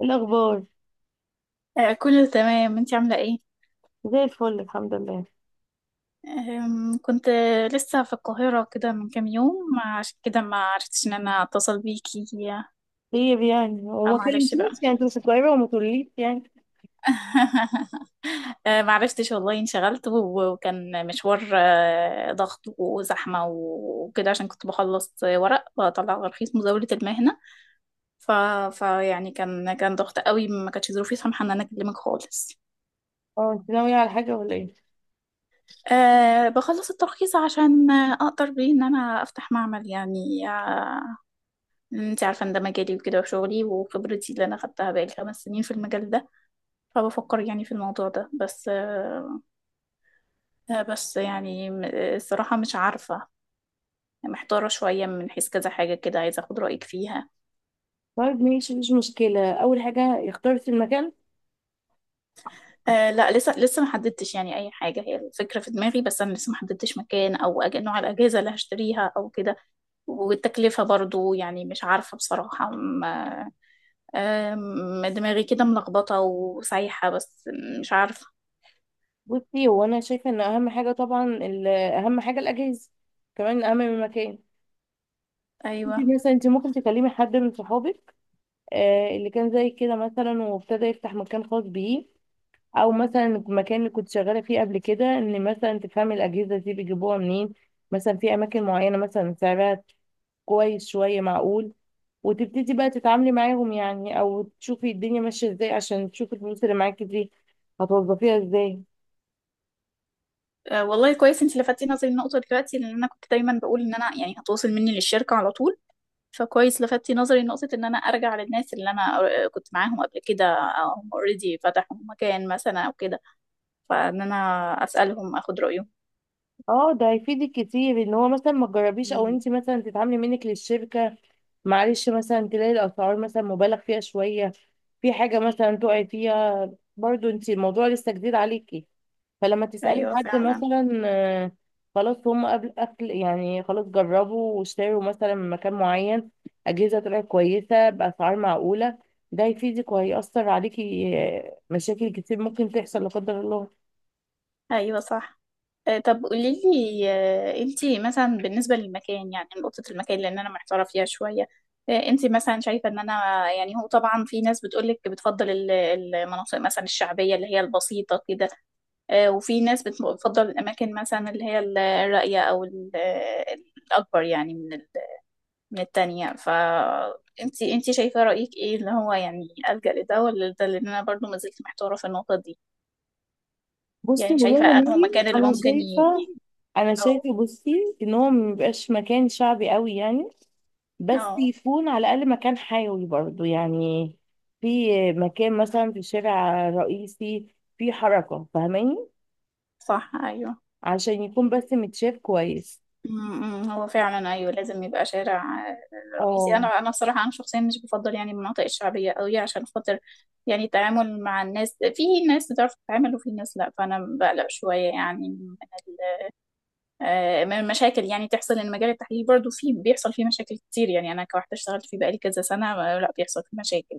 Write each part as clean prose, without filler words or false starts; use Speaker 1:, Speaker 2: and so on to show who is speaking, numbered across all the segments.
Speaker 1: إيه الأخبار؟
Speaker 2: آه، كله تمام، انتي عاملة ايه؟
Speaker 1: زي الفل الحمد لله.
Speaker 2: كنت لسه في القاهرة كده من كام يوم، عشان كده ما عرفتش ان انا اتصل بيكي.
Speaker 1: طيب هو
Speaker 2: آه،
Speaker 1: ما
Speaker 2: معلش بقى.
Speaker 1: كلمتنيش، انت مش قريبة وما تقوليش.
Speaker 2: ما عرفتش والله، انشغلت وكان مشوار، ضغط وزحمة وكده، عشان كنت بخلص ورق بطلع ترخيص مزاولة المهنة. ف... فيعني كان ضغط قوي، ما كانتش ظروفي سامحة ان انا اكلمك خالص.
Speaker 1: اه انت ناوية على حاجة ولا ايه؟
Speaker 2: أه، بخلص الترخيص عشان أقدر بيه إن أنا أفتح معمل، يعني انت عارفة ان ده مجالي وكده، وشغلي وخبرتي اللي انا خدتها بقالي 5 سنين في المجال ده. فبفكر يعني في الموضوع ده، بس بس يعني الصراحة مش عارفة، محتارة شوية من حيث كذا حاجة كده، عايزة اخد رأيك فيها.
Speaker 1: طيب ماشي، مفيش مشكلة. أول حاجة، اخترت المكان؟
Speaker 2: آه، لا، لسه ما حددتش يعني اي حاجة، هي الفكرة في دماغي، بس انا لسه ما حددتش مكان او نوع الاجهزة اللي هشتريها او كده. والتكلفة برضو يعني مش عارفة بصراحة دماغي كده ملخبطة وسايحة، بس مش عارفة.
Speaker 1: بصي، هو أنا شايفة إن أهم حاجة طبعا أهم حاجة الأجهزة، كمان أهم من المكان. انت
Speaker 2: ايوه.
Speaker 1: مثلا، ممكن تكلمي حد من صحابك، آه اللي كان زي كده مثلا وابتدى يفتح مكان خاص بيه، أو مثلا المكان اللي كنت شغالة فيه قبل كده، إن مثلا تفهمي الأجهزة دي بيجيبوها منين، مثلا في أماكن معينة مثلا سعرها كويس شوية معقول، وتبتدي بقى تتعاملي معاهم، او تشوفي الدنيا ماشية ازاي عشان تشوفي الفلوس اللي معاكي دي هتوظفيها ازاي.
Speaker 2: والله كويس انت لفتتي نظري النقطة دلوقتي، لان انا كنت دايما بقول ان انا يعني هتواصل مني للشركة على طول. فكويس لفتتي نظري نقطة ان انا ارجع للناس اللي انا كنت معاهم قبل كده، أو هم اوريدي فتحوا مكان مثلا او كده. فان انا اسألهم اخد رأيهم.
Speaker 1: اه ده هيفيدك كتير، ان هو مثلا ما تجربيش او
Speaker 2: مم.
Speaker 1: انت مثلا تتعاملي منك للشركة. معلش، مثلا تلاقي الاسعار مثلا مبالغ فيها شوية، في حاجة مثلا تقعي فيها، برضو انت الموضوع لسه جديد عليكي. فلما تسألي
Speaker 2: ايوه
Speaker 1: حد
Speaker 2: فعلا.
Speaker 1: مثلا، خلاص هم قبل أكل، خلاص جربوا واشتروا مثلا من مكان معين، أجهزة طلعت كويسة بأسعار معقولة، ده هيفيدك وهيأثر عليكي. مشاكل كتير ممكن تحصل لا قدر الله.
Speaker 2: ايوه صح. طب قولي لي، انتي مثلا بالنسبة للمكان، يعني نقطة المكان، لأن أنا محتارة فيها شوية. انتي مثلا شايفة إن أنا، يعني هو طبعا في ناس بتقولك بتفضل المناطق مثلا الشعبية اللي هي البسيطة كده. وفي ناس بتفضل الأماكن مثلا اللي هي الراقية، أو الأكبر يعني من التانية. انتي شايفة رأيك ايه، اللي هو يعني ألجأ لده ولا ده، لأن أنا برضو ما زلت محتارة في النقطة دي.
Speaker 1: بصي
Speaker 2: يعني
Speaker 1: والله يا
Speaker 2: شايفة أنه
Speaker 1: مريم،
Speaker 2: مكان اللي
Speaker 1: أنا
Speaker 2: ممكن
Speaker 1: شايفة، أنا
Speaker 2: اه.
Speaker 1: شايفة بصي إن هو ميبقاش مكان شعبي قوي يعني، بس
Speaker 2: اه.
Speaker 1: يكون على الأقل مكان حيوي برضو يعني. في مكان مثلا في شارع رئيسي، في حركة، فاهماني؟
Speaker 2: صح، ايوه.
Speaker 1: عشان يكون بس متشاف كويس.
Speaker 2: أمم، أمم، هو فعلا، ايوه لازم يبقى شارع رئيسي.
Speaker 1: اه
Speaker 2: انا بصراحه انا شخصيا مش بفضل يعني المناطق الشعبيه قوي، عشان خاطر يعني التعامل مع الناس، في ناس بتعرف تتعامل وفي ناس لا، فانا بقلق شويه يعني من من المشاكل يعني تحصل، ان مجال التحليل برضو فيه بيحصل فيه مشاكل كتير، يعني انا كواحده اشتغلت فيه بقالي كذا سنه. لا، بيحصل فيه مشاكل،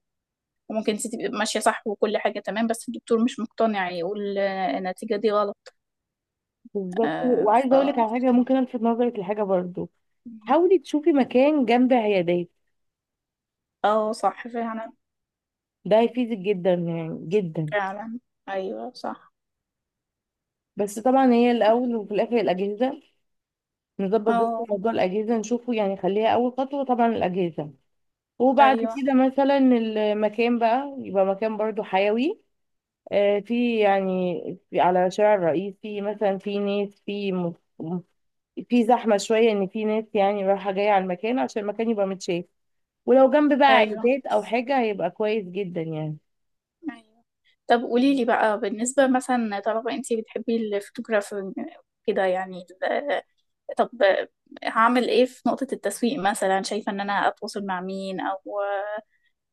Speaker 2: وممكن انت تبقي ماشيه صح وكل حاجه تمام، بس الدكتور مش مقتنع يقول النتيجه دي غلط.
Speaker 1: بالظبط.
Speaker 2: آه، ف
Speaker 1: وعايزه اقول لك على حاجه، ممكن الفت نظرك لحاجه برضو، حاولي تشوفي مكان جنب عيادات.
Speaker 2: اه، صح فعلا.
Speaker 1: ده هيفيدك جدا يعني، جدا.
Speaker 2: فعلا. ايوه صح.
Speaker 1: بس طبعا هي الاول وفي الاخر الاجهزه، نظبط بس
Speaker 2: اه،
Speaker 1: موضوع الاجهزه نشوفه، يعني خليها اول خطوه طبعا الاجهزه. وبعد
Speaker 2: ايوه،
Speaker 1: كده مثلا المكان بقى يبقى مكان برضو حيوي، في يعني، في على شارع الرئيس، في مثلا في ناس م- في زحمة شوية، إن في ناس يعني رايحة جاية على المكان عشان المكان يبقى متشاف. ولو جنب بقى
Speaker 2: ايوه،
Speaker 1: عيادات أو حاجة هيبقى كويس جدا يعني.
Speaker 2: ايوه. طب قولي لي بقى بالنسبه مثلا، طالما انتي بتحبي الفوتوغرافي كده، يعني طب، هعمل ايه في نقطه التسويق؟ مثلا شايفه ان انا اتواصل مع مين، او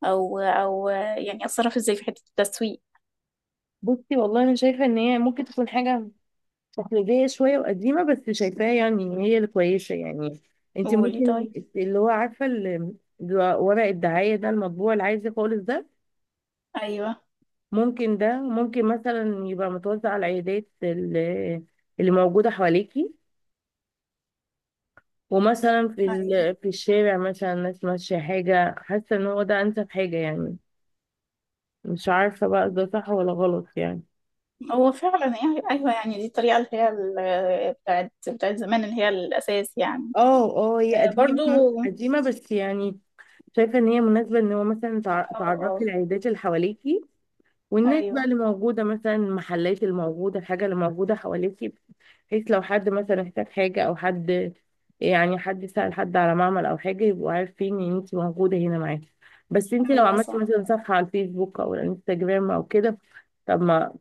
Speaker 2: او او يعني اتصرف ازاي في حته التسويق؟
Speaker 1: بصي والله أنا شايفة إن هي ممكن تكون حاجة تقليدية شوية وقديمة، بس شايفاها يعني إن هي الكويسة يعني. أنت
Speaker 2: قولي.
Speaker 1: ممكن
Speaker 2: طيب،
Speaker 1: اللي هو، عارفة اللي ورق الدعاية ده، المطبوع العادي خالص ده،
Speaker 2: ايوه.
Speaker 1: ممكن مثلا يبقى متوزع على العيادات اللي موجودة حواليكي، ومثلا في
Speaker 2: ايوه،
Speaker 1: في الشارع مثلا ناس ماشية حاجة، حاسة ان هو ده انسب حاجة يعني. مش عارفة بقى ده صح ولا غلط يعني.
Speaker 2: هو فعلا يعني، ايوه يعني دي الطريقه اللي هي بتاعت زمان، اللي هي الاساس يعني.
Speaker 1: اه اه، هي
Speaker 2: برضو.
Speaker 1: قديمة
Speaker 2: اه.
Speaker 1: قديمة بس يعني، شايفة ان هي مناسبة، ان هو مثلا
Speaker 2: اه،
Speaker 1: تعرفي العيادات اللي حواليكي، والناس بقى
Speaker 2: ايوه،
Speaker 1: اللي موجودة، مثلا المحلات اللي موجودة، الحاجة اللي موجودة حواليكي، بحيث لو حد مثلا احتاج حاجة أو حد، يعني حد سأل حد على معمل أو حاجة، يبقوا عارفين إن انتي موجودة هنا معاكي. بس انتي لو
Speaker 2: ايوه
Speaker 1: عملتي
Speaker 2: صح.
Speaker 1: مثلا صفحة على الفيسبوك أو الانستجرام أو كده، طب ما،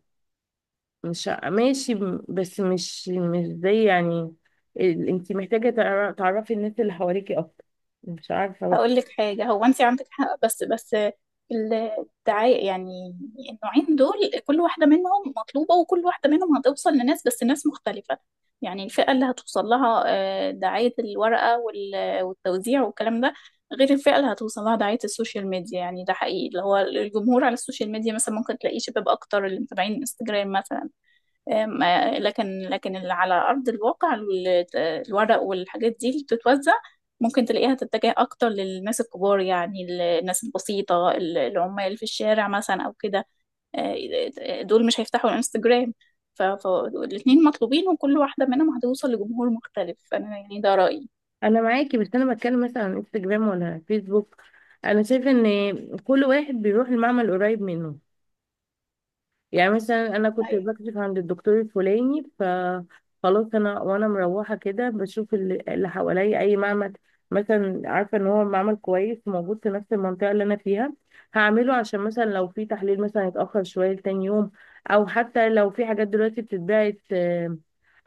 Speaker 1: مش ع- ماشي بس مش زي يعني انتي محتاجة تعرفي الناس اللي حواليكي أكتر. مش عارفة بقى.
Speaker 2: هقول لك حاجة، هو انت عندك حق، بس الدعاية يعني، النوعين دول كل واحدة منهم مطلوبة، وكل واحدة منهم هتوصل لناس بس ناس مختلفة. يعني الفئة اللي هتوصل لها دعاية الورقة والتوزيع والكلام ده، غير الفئة اللي هتوصل لها دعاية السوشيال ميديا، يعني ده حقيقي، اللي هو الجمهور على السوشيال ميديا مثلا ممكن تلاقيه شباب أكتر، اللي متابعين انستجرام مثلا. أم، آه، لكن اللي على أرض الواقع الورق والحاجات دي اللي بتتوزع، ممكن تلاقيها تتجه أكتر للناس الكبار يعني، الناس البسيطة العمال في الشارع مثلا أو كده. دول مش هيفتحوا الانستجرام. فالاتنين مطلوبين، وكل واحدة منهم هتوصل لجمهور مختلف، أنا يعني ده رأيي.
Speaker 1: انا معاكي بس انا بتكلم مثلا عن انستجرام ولا فيسبوك، انا شايفه ان كل واحد بيروح المعمل قريب منه. يعني مثلا انا كنت
Speaker 2: أيوة.
Speaker 1: بكشف عند الدكتور الفلاني، ف خلاص انا وانا مروحه كده بشوف اللي حواليا اي معمل، مثلا عارفه ان هو معمل كويس موجود في نفس المنطقه اللي انا فيها، هعمله عشان مثلا لو في تحليل مثلا يتاخر شويه لتاني يوم، او حتى لو في حاجات دلوقتي بتتباعت،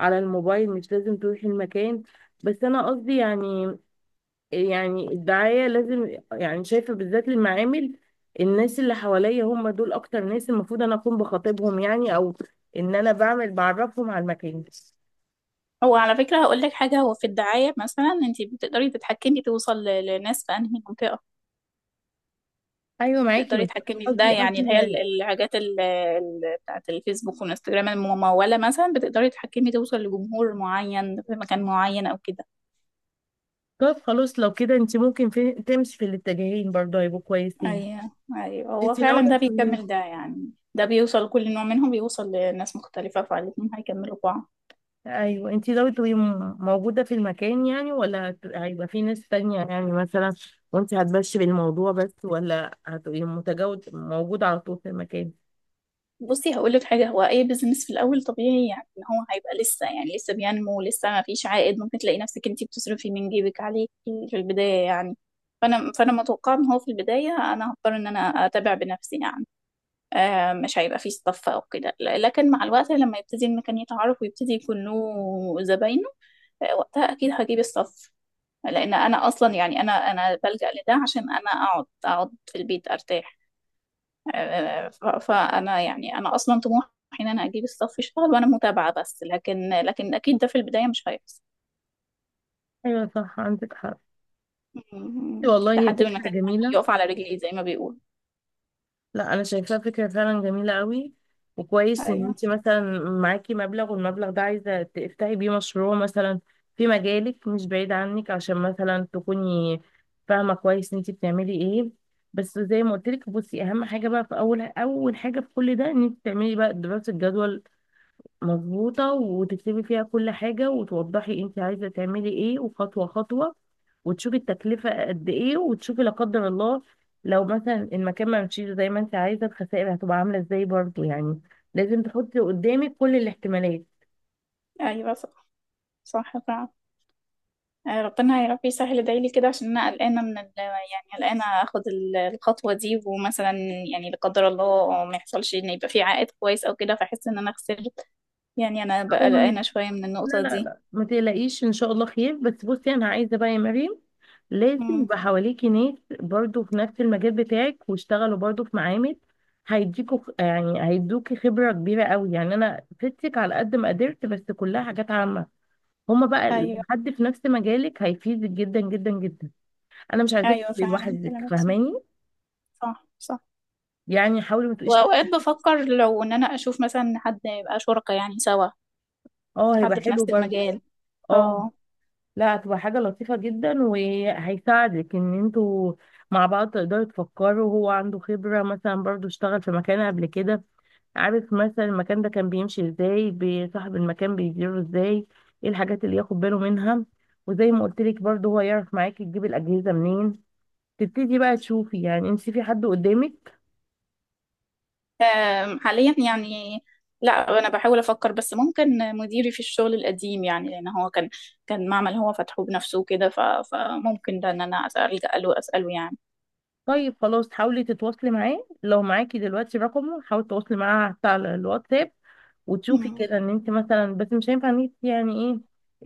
Speaker 1: على الموبايل مش لازم تروحي المكان. بس انا قصدي يعني، يعني الدعاية لازم، يعني شايفة بالذات المعامل، الناس اللي حواليا هم دول أكتر ناس المفروض أنا أكون بخاطبهم، يعني أو إن أنا بعمل بعرفهم على المكان.
Speaker 2: هو على فكرة هقول لك حاجة، هو في الدعاية مثلا انت بتقدري تتحكمي توصل لناس في انهي منطقة،
Speaker 1: أيوة معاكي،
Speaker 2: تقدري
Speaker 1: بس
Speaker 2: تتحكمي في ده،
Speaker 1: قصدي
Speaker 2: يعني اللي
Speaker 1: قصدي
Speaker 2: هي
Speaker 1: يعني.
Speaker 2: الحاجات بتاعت الفيسبوك والانستجرام الممولة مثلا، بتقدري تتحكمي توصل لجمهور معين في مكان معين او كده.
Speaker 1: طب خلاص لو كده أنت ممكن تمشي في الاتجاهين برضه، هيبقوا كويسين.
Speaker 2: ايوه. ايوه، هو
Speaker 1: أنت
Speaker 2: فعلا
Speaker 1: ناوية
Speaker 2: ده
Speaker 1: تبقي-
Speaker 2: بيكمل ده، يعني ده بيوصل، كل نوع منهم بيوصل لناس مختلفة، فالاتنين هيكملوا بعض.
Speaker 1: أيوة، أنت ناوية تبقي موجودة في المكان يعني، ولا هيبقى في ناس تانية يعني مثلا، وأنت هتمشي بالموضوع بس، ولا هتبقي متجاوز موجودة على طول في المكان؟
Speaker 2: بصي هقول لك حاجة، هو أي بيزنس في الأول طبيعي، يعني إن هو هيبقى لسه، يعني لسه بينمو، لسه ما فيش عائد، ممكن تلاقي نفسك أنتي بتصرفي من جيبك عليه في البداية يعني. فأنا متوقعة إن هو في البداية أنا هضطر إن أنا أتابع بنفسي يعني. مش هيبقى فيه صف او كده، لكن مع الوقت لما يبتدي المكان يتعرف ويبتدي يكون له زباينه، وقتها اكيد هجيب الصف، لان انا اصلا يعني، انا بلجأ لده عشان انا اقعد في البيت ارتاح. فانا يعني انا اصلا طموحي ان انا اجيب الصف يشتغل وانا متابعة بس، لكن اكيد ده في البداية مش هيحصل.
Speaker 1: ايوه صح، عندك حق.
Speaker 2: م-
Speaker 1: والله هي
Speaker 2: لحد ما
Speaker 1: فكرة
Speaker 2: المكان يعني
Speaker 1: جميلة.
Speaker 2: يقف على رجليه، زي ما بيقول.
Speaker 1: لا انا شايفاها فكرة فعلا جميلة قوي. وكويس ان
Speaker 2: ايوه،
Speaker 1: انت مثلا معاكي مبلغ، والمبلغ ده عايزة تفتحي بيه مشروع مثلا في مجالك، مش بعيد عنك، عشان مثلا تكوني فاهمة كويس انت بتعملي ايه. بس زي ما قلت لك، بصي، اهم حاجة بقى في اول، اول حاجة في كل ده ان انت تعملي بقى دراسة جدوى مظبوطة، وتكتبي فيها كل حاجة، وتوضحي انت عايزة تعملي ايه، وخطوة خطوة، وتشوفي التكلفة قد ايه، وتشوفي لا قدر الله لو مثلا المكان ما مشيش زي ما انت عايزة، الخسائر هتبقى عاملة ازاي برضو يعني. لازم تحطي قدامك كل الاحتمالات.
Speaker 2: ايوه صح. صح، فعلا. ربنا يا رب يسهل، ادعيلي كده عشان انا قلقانه من يعني قلقانه اخد الخطوه دي، ومثلا يعني لا قدر الله ما يحصلش ان يبقى في عائد كويس او كده، فاحس ان انا خسرت. يعني انا بقى قلقانه شويه من
Speaker 1: لا
Speaker 2: النقطه
Speaker 1: لا
Speaker 2: دي.
Speaker 1: لا، ما تقلقيش ان شاء الله خير. بس بصي انا عايزه بقى يا مريم، لازم
Speaker 2: امم.
Speaker 1: يبقى حواليكي ناس برضو في نفس المجال بتاعك، واشتغلوا برضو في معامل، هيديكوا يعني هيدوكي خبره كبيره قوي. يعني انا فدتك على قد ما قدرت، بس كلها حاجات عامه، هما بقى لو
Speaker 2: ايوه.
Speaker 1: حد في نفس مجالك هيفيدك جدا جدا جدا. انا مش عايزاك
Speaker 2: ايوه
Speaker 1: تبقي
Speaker 2: فعلا،
Speaker 1: لوحدك،
Speaker 2: كلامك صح.
Speaker 1: فاهماني؟
Speaker 2: صح، صح.
Speaker 1: يعني حاولي ما تبقيش.
Speaker 2: واوقات بفكر، لو ان انا اشوف مثلا حد يبقى شركة يعني سوا،
Speaker 1: اه هيبقى
Speaker 2: حد في
Speaker 1: حلو
Speaker 2: نفس
Speaker 1: برضه.
Speaker 2: المجال.
Speaker 1: اه
Speaker 2: اه.
Speaker 1: لا، هتبقى حاجة لطيفة جدا، وهيساعدك ان انتوا مع بعض تقدروا تفكروا، هو عنده خبرة مثلا برضو، اشتغل في مكان قبل كده، عارف مثلا المكان ده كان بيمشي ازاي، بصاحب المكان بيديره ازاي، ايه الحاجات اللي ياخد باله منها، وزي ما قلت لك برضو هو يعرف معاكي تجيب الأجهزة منين، تبتدي بقى تشوفي يعني انت في حد قدامك.
Speaker 2: حاليا يعني، لا انا بحاول افكر، بس ممكن مديري في الشغل القديم يعني، لان هو كان معمل هو فتحه بنفسه كده، فممكن ده ان انا الجا له اساله يعني.
Speaker 1: طيب خلاص، حاولي تتواصلي معاه، لو معاكي دلوقتي رقمه حاولي تتواصلي معاه حتى على الواتساب، وتشوفي
Speaker 2: مم.
Speaker 1: كده ان انت مثلا، بس مش هينفع ان انت يعني ايه،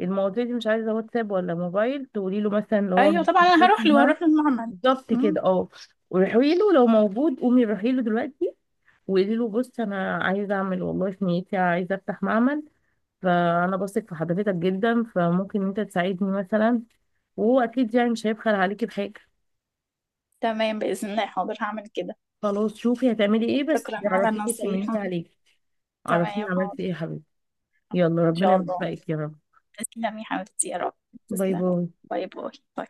Speaker 1: المواضيع دي مش عايزه واتساب ولا موبايل، تقولي له مثلا لو هو
Speaker 2: ايوه طبعا، انا
Speaker 1: موجود في
Speaker 2: هروح له،
Speaker 1: المعنى.
Speaker 2: هروح للمعمل.
Speaker 1: بالظبط كده
Speaker 2: مم.
Speaker 1: اه. وروحي له، لو موجود قومي روحي له دلوقتي، وقولي له بص، انا عايزه اعمل والله في نيتي عايزه افتح معمل، فانا بثق في حضرتك جدا، فممكن انت تساعدني مثلا، وهو اكيد يعني مش هيبخل عليكي بحاجه.
Speaker 2: تمام باذن الله، حاضر هعمل كده.
Speaker 1: خلاص، شوفي هتعملي ايه بس
Speaker 2: شكرا على
Speaker 1: عرفيني، طمنيني
Speaker 2: النصيحه.
Speaker 1: عليك، عرفيني
Speaker 2: تمام
Speaker 1: عملتي
Speaker 2: حاضر.
Speaker 1: ايه يا حبيبتي.
Speaker 2: حاضر
Speaker 1: يلا
Speaker 2: ان
Speaker 1: ربنا
Speaker 2: شاء الله.
Speaker 1: يوفقك يا رب.
Speaker 2: تسلمي حبيبتي، يا رب.
Speaker 1: باي
Speaker 2: تسلمي.
Speaker 1: باي.
Speaker 2: باي باي.